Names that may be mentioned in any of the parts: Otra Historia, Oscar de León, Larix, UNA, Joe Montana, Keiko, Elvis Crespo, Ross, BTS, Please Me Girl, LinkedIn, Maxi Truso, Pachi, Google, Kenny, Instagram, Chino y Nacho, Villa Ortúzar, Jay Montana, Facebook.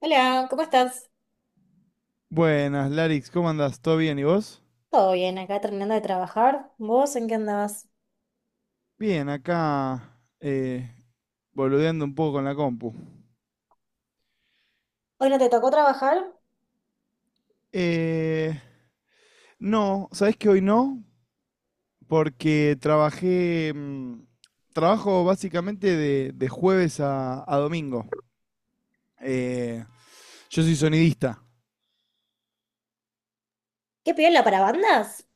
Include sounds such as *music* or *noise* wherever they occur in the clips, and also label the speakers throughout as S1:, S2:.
S1: Hola, ¿cómo estás?
S2: Buenas, Larix, ¿cómo andás? ¿Todo bien? ¿Y vos?
S1: Todo bien, acá terminando de trabajar. ¿Vos en qué andabas?
S2: Bien, acá boludeando un poco con la compu.
S1: ¿Hoy no te tocó trabajar?
S2: Eh, no, ¿sabés que hoy no? Porque trabajé, trabajo básicamente de jueves a domingo. Eh, yo soy sonidista,
S1: ¿Qué piola para bandas?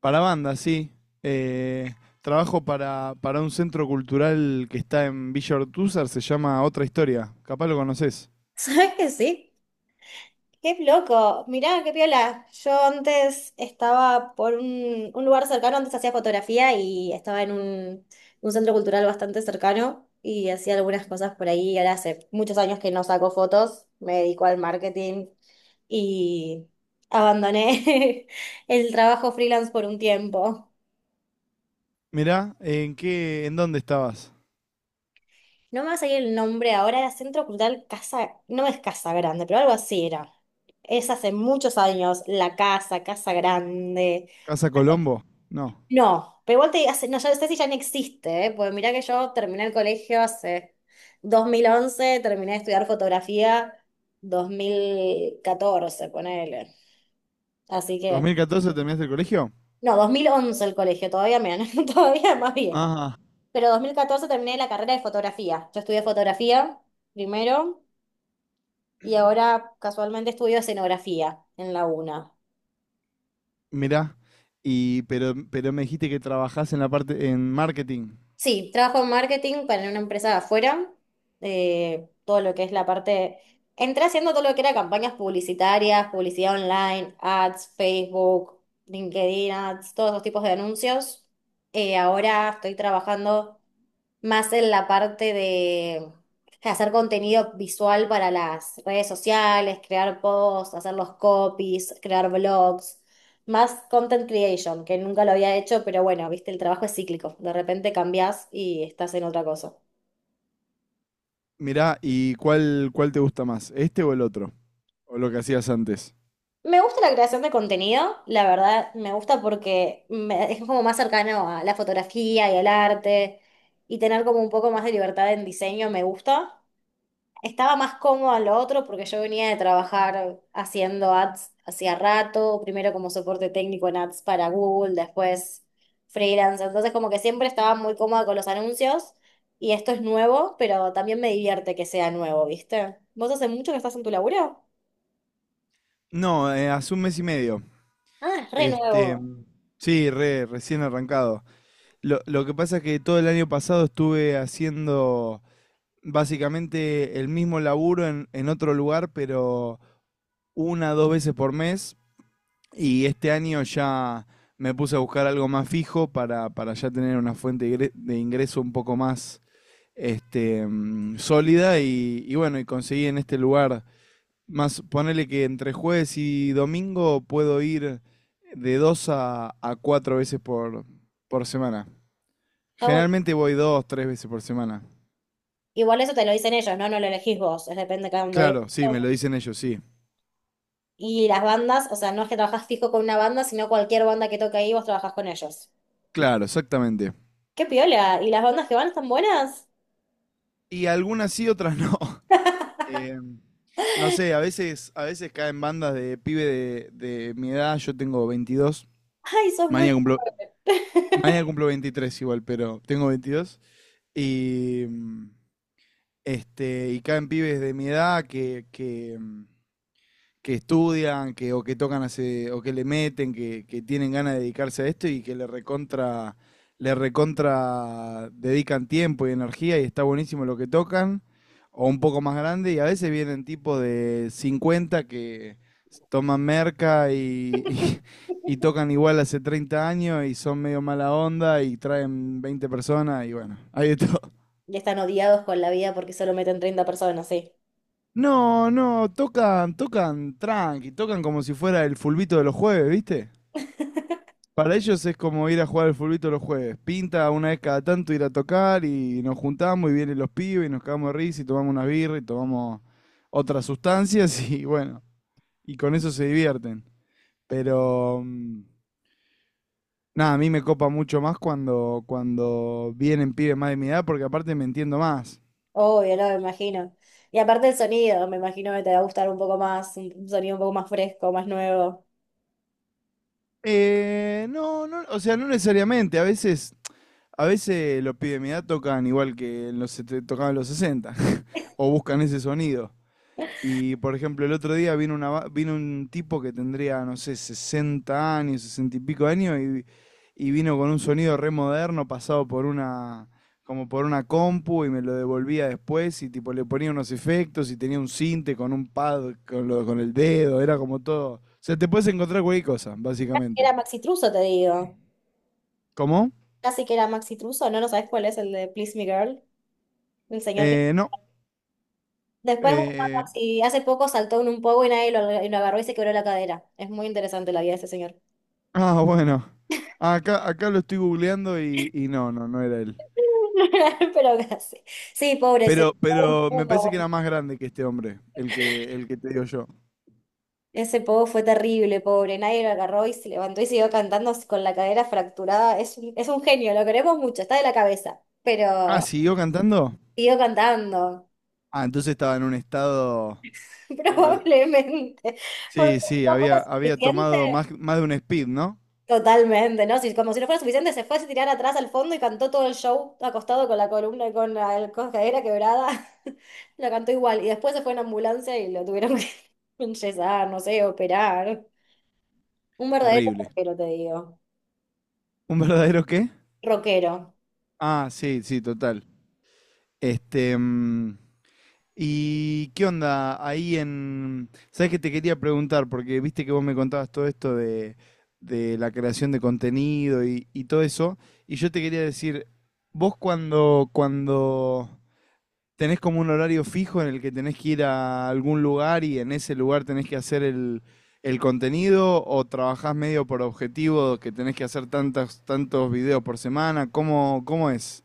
S2: para banda, sí. Eh, Trabajo para un centro cultural que está en Villa Ortúzar, se llama Otra Historia, capaz lo conoces.
S1: *laughs* ¿Sabes que sí? ¡Qué loco! Mirá, qué piola. Yo antes estaba por un lugar cercano, antes hacía fotografía y estaba en un centro cultural bastante cercano y hacía algunas cosas por ahí. Y ahora hace muchos años que no saco fotos, me dedico al marketing y abandoné *laughs* el trabajo freelance por un tiempo.
S2: Mirá, ¿en dónde estabas?
S1: No me va a salir el nombre ahora, era Centro Cultural Casa, no es Casa Grande, pero algo así era. Es hace muchos años, La Casa, Casa Grande.
S2: ¿Casa Colombo? No.
S1: No, pero igual te hace, no, ya sé si ya no existe, ¿eh? Porque mirá que yo terminé el colegio hace dos mil once, terminé de estudiar fotografía 2014, ponele. Así que
S2: ¿2014 terminaste el colegio?
S1: no, 2011 el colegio, *laughs* todavía más vieja.
S2: Ajá,
S1: Pero 2014 terminé la carrera de fotografía. Yo estudié fotografía primero, y ahora casualmente estudio escenografía en la UNA.
S2: mirá. Y pero me dijiste que trabajás en la parte en marketing.
S1: Sí, trabajo en marketing para una empresa de afuera, todo lo que es la parte... Entré haciendo todo lo que era campañas publicitarias, publicidad online, ads, Facebook, LinkedIn ads, todos esos tipos de anuncios. Ahora estoy trabajando más en la parte de hacer contenido visual para las redes sociales, crear posts, hacer los copies, crear blogs. Más content creation, que nunca lo había hecho, pero bueno, viste, el trabajo es cíclico. De repente cambias y estás en otra cosa.
S2: Mirá, ¿y cuál te gusta más? ¿Este o el otro? ¿O lo que hacías antes?
S1: Me gusta la creación de contenido, la verdad, me gusta porque es como más cercano a la fotografía y al arte. Y tener como un poco más de libertad en diseño me gusta. Estaba más cómodo en lo otro porque yo venía de trabajar haciendo ads hacía rato, primero como soporte técnico en ads para Google, después freelance, entonces como que siempre estaba muy cómoda con los anuncios, y esto es nuevo, pero también me divierte que sea nuevo, ¿viste? ¿Vos hace mucho que estás en tu laburo?
S2: No, hace un mes y medio.
S1: Ah, es re
S2: Este,
S1: nuevo.
S2: sí, recién arrancado. Lo que pasa es que todo el año pasado estuve haciendo básicamente el mismo laburo en otro lugar, pero una, dos veces por mes. Y este año ya me puse a buscar algo más fijo para ya tener una fuente de de ingreso un poco más este, sólida. Y bueno, y conseguí en este lugar, más ponele que entre jueves y domingo puedo ir de dos a cuatro veces por semana.
S1: Está bueno.
S2: Generalmente voy dos, tres veces por semana.
S1: Igual eso te lo dicen ellos, ¿no? No lo elegís vos, es depende de cada uno. Y
S2: Claro, sí, me lo dicen ellos, sí.
S1: las bandas, o sea, no es que trabajás fijo con una banda, sino cualquier banda que toque ahí, vos trabajás con ellos.
S2: Claro, exactamente.
S1: ¡Qué piola! ¿Y las bandas que van están buenas?
S2: Y algunas sí, otras no. *laughs* Eh, no sé, a veces caen bandas de de mi edad. Yo tengo veintidós,
S1: Ay, sos muy...
S2: mañana cumplo 23 igual, pero tengo 22 y, y caen pibes de mi edad que estudian, que, o que tocan hace, o que le meten, que tienen ganas de dedicarse a esto y que le le recontra dedican tiempo y energía y está buenísimo lo que tocan, o un poco más grande, y a veces vienen tipos de 50 que toman merca y
S1: *laughs*
S2: tocan igual hace 30 años y son medio mala onda y traen 20 personas y bueno, hay de todo.
S1: Ya están odiados con la vida porque solo meten 30 personas, sí.
S2: No, no, tocan, tocan tranqui, tocan como si fuera el fulbito de los jueves, ¿viste? Para ellos es como ir a jugar al fulbito los jueves. Pinta una vez cada tanto ir a tocar y nos juntamos y vienen los pibes y nos cagamos de risa y tomamos unas birras y tomamos otras sustancias *laughs* y bueno, y con eso se divierten. Pero nada, a mí me copa mucho más cuando vienen pibes más de mi edad porque aparte me entiendo más.
S1: Obvio, no, me imagino. Y aparte el sonido, me imagino que te va a gustar un poco más, un sonido un poco más fresco, más nuevo.
S2: No, no, o sea, no necesariamente. A veces los pibes de mi edad tocan igual que en tocaban en los 60 *laughs* o buscan ese sonido. Y por ejemplo, el otro día vino un tipo que tendría, no sé, 60 años, 60 y pico años, y vino con un sonido re moderno pasado por como por una compu, y me lo devolvía después, y tipo le ponía unos efectos, y tenía un sinte con un pad con, con el dedo, era como todo. O sea, te puedes encontrar cualquier cosa,
S1: Casi que era
S2: básicamente.
S1: Maxi Truso, te digo.
S2: ¿Cómo?
S1: Casi que era Maxi Truso, ¿no? ¿No sabes cuál es el de Please Me Girl? El señor que...
S2: No.
S1: Después, bueno,
S2: eh,
S1: si hace poco saltó en un poco y nadie lo, y lo agarró y se quebró la cadera. Es muy interesante la vida de ese señor.
S2: ah, bueno. Acá lo estoy googleando y no, no, no era él.
S1: *laughs* Pero casi. Sí, pobre, se...
S2: Pero me parece que era más grande que este hombre, el el que te digo yo.
S1: Ese pogo fue terrible, pobre. Nadie lo agarró y se levantó y siguió cantando con la cadera fracturada. Es un genio, lo queremos mucho, está de la cabeza.
S2: Ah,
S1: Pero
S2: ¿siguió cantando?
S1: siguió cantando,
S2: Ah, entonces estaba en un estado.
S1: *laughs*
S2: eh,
S1: probablemente. Porque
S2: sí,
S1: si
S2: sí,
S1: no fue
S2: había
S1: suficiente.
S2: tomado más de un speed, ¿no?
S1: Totalmente, ¿no? Si, como si no fuera suficiente, se fue a tirar atrás al fondo y cantó todo el show acostado con la columna y con la cadera quebrada. *laughs* Lo cantó igual. Y después se fue en ambulancia y lo tuvieron que *laughs* enyesar, no sé, operar. Un verdadero
S2: Terrible.
S1: rockero, te digo.
S2: ¿Un verdadero qué?
S1: Rockero.
S2: Ah, sí, sí, total. Este. mm, ¿Y qué onda ahí en. ¿Sabes que te quería preguntar? Porque viste que vos me contabas todo esto de la creación de contenido y todo eso. Y yo te quería decir, vos cuando tenés como un horario fijo en el que tenés que ir a algún lugar y en ese lugar tenés que hacer el contenido o trabajás medio por objetivo que tenés que hacer tantos videos por semana. ¿Cómo, cómo es?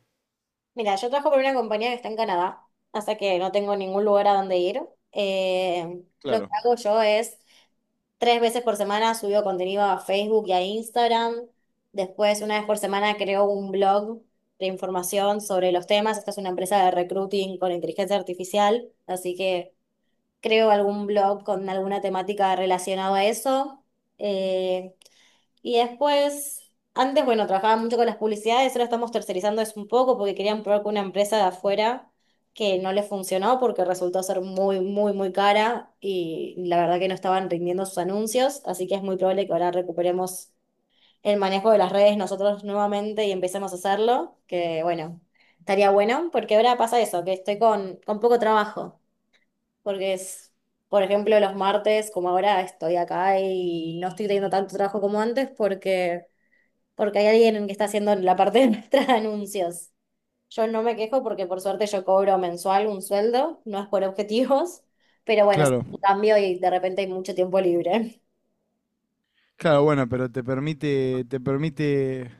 S1: Mira, yo trabajo por una compañía que está en Canadá, así que no tengo ningún lugar a donde ir. Lo que
S2: Claro.
S1: hago yo es tres veces por semana subo contenido a Facebook y a Instagram. Después, una vez por semana creo un blog de información sobre los temas. Esta es una empresa de recruiting con inteligencia artificial, así que creo algún blog con alguna temática relacionada a eso. Eh, y después, antes, bueno, trabajaba mucho con las publicidades, ahora estamos tercerizando eso un poco porque querían probar con una empresa de afuera que no les funcionó porque resultó ser muy, muy, muy cara y la verdad que no estaban rindiendo sus anuncios, así que es muy probable que ahora recuperemos el manejo de las redes nosotros nuevamente y empecemos a hacerlo, que bueno, estaría bueno porque ahora pasa eso, que estoy con poco trabajo, porque es... Por ejemplo, los martes, como ahora estoy acá y no estoy teniendo tanto trabajo como antes porque hay alguien que está haciendo la parte de nuestros *laughs* anuncios. Yo no me quejo porque por suerte yo cobro mensual un sueldo, no es por objetivos, pero bueno, es
S2: Claro,
S1: un cambio y de repente hay mucho tiempo libre.
S2: claro, bueno, pero te permite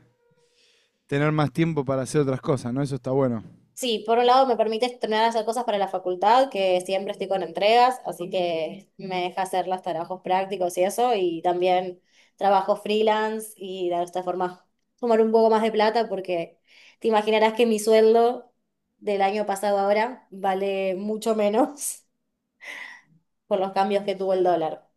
S2: tener más tiempo para hacer otras cosas, ¿no? Eso está bueno.
S1: Sí, por un lado me permite estrenar hacer cosas para la facultad, que siempre estoy con entregas, así que me deja hacer los trabajos prácticos y eso, y también trabajo freelance, y de esta forma tomar un poco más de plata porque te imaginarás que mi sueldo del año pasado ahora vale mucho menos, por los cambios que tuvo el dólar.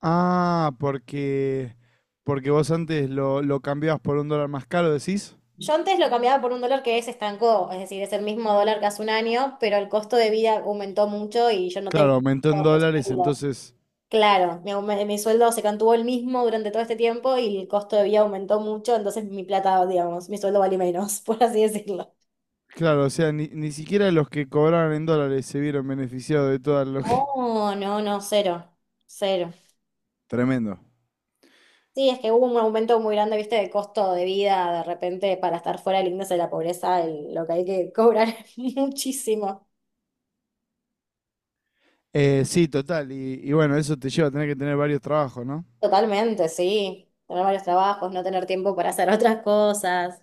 S2: Ah, porque, porque vos antes lo cambiabas por un dólar más caro, decís.
S1: Yo antes lo cambiaba por un dólar que se estancó, es decir, es el mismo dólar que hace un año, pero el costo de vida aumentó mucho y yo no tengo
S2: Claro, aumentó en
S1: ese
S2: dólares,
S1: sueldo.
S2: entonces
S1: Claro, mi sueldo se mantuvo el mismo durante todo este tiempo y el costo de vida aumentó mucho, entonces mi plata, digamos, mi sueldo vale menos, *laughs* por así decirlo.
S2: claro, o sea, ni siquiera los que cobraban en dólares se vieron beneficiados de todo lo que...
S1: Oh, no, no, cero, cero.
S2: *laughs* Tremendo.
S1: Sí, es que hubo un aumento muy grande, viste, de costo de vida, de repente para estar fuera del índice de la pobreza, lo que hay que cobrar *laughs* es muchísimo.
S2: Sí, total. Y bueno, eso te lleva a tener que tener varios trabajos, ¿no?
S1: Totalmente, sí. Tener varios trabajos, no tener tiempo para hacer *laughs* otras cosas.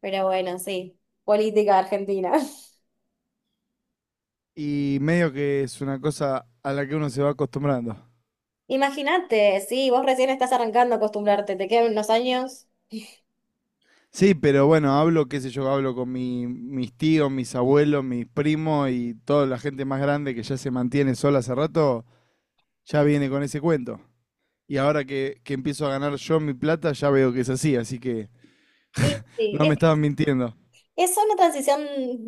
S1: Pero bueno, sí. Política argentina. *laughs*
S2: Y medio que es una cosa a la que uno se va acostumbrando.
S1: Imagínate, sí, vos recién estás arrancando a acostumbrarte, te quedan unos años.
S2: Sí, pero bueno, hablo, qué sé yo, hablo con mis tíos, mis abuelos, mis primos y toda la gente más grande que ya se mantiene sola hace rato, ya viene con ese cuento. Y ahora que empiezo a ganar yo mi plata, ya veo que es así, así que
S1: Y sí,
S2: no me estaban mintiendo.
S1: es una transición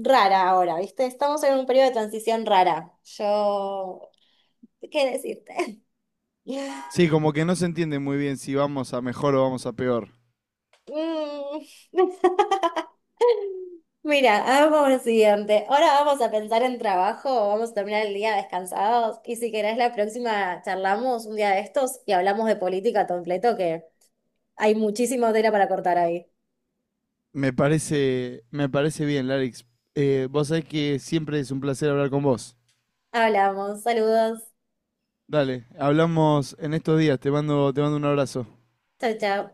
S1: rara ahora, ¿viste? Estamos en un periodo de transición rara. Yo, ¿qué decirte? *laughs*
S2: Sí, como que no se entiende muy bien si vamos a mejor o vamos a peor.
S1: Mm. *laughs* Mira, hagamos lo siguiente. Ahora vamos a pensar en trabajo, vamos a terminar el día descansados y si querés la próxima charlamos un día de estos y hablamos de política completo, que hay muchísima tela para cortar ahí.
S2: Me parece bien, Larix. Vos sabés que siempre es un placer hablar con vos.
S1: Hablamos, saludos,
S2: Dale, hablamos en estos días. Te mando un abrazo.
S1: chao, chao.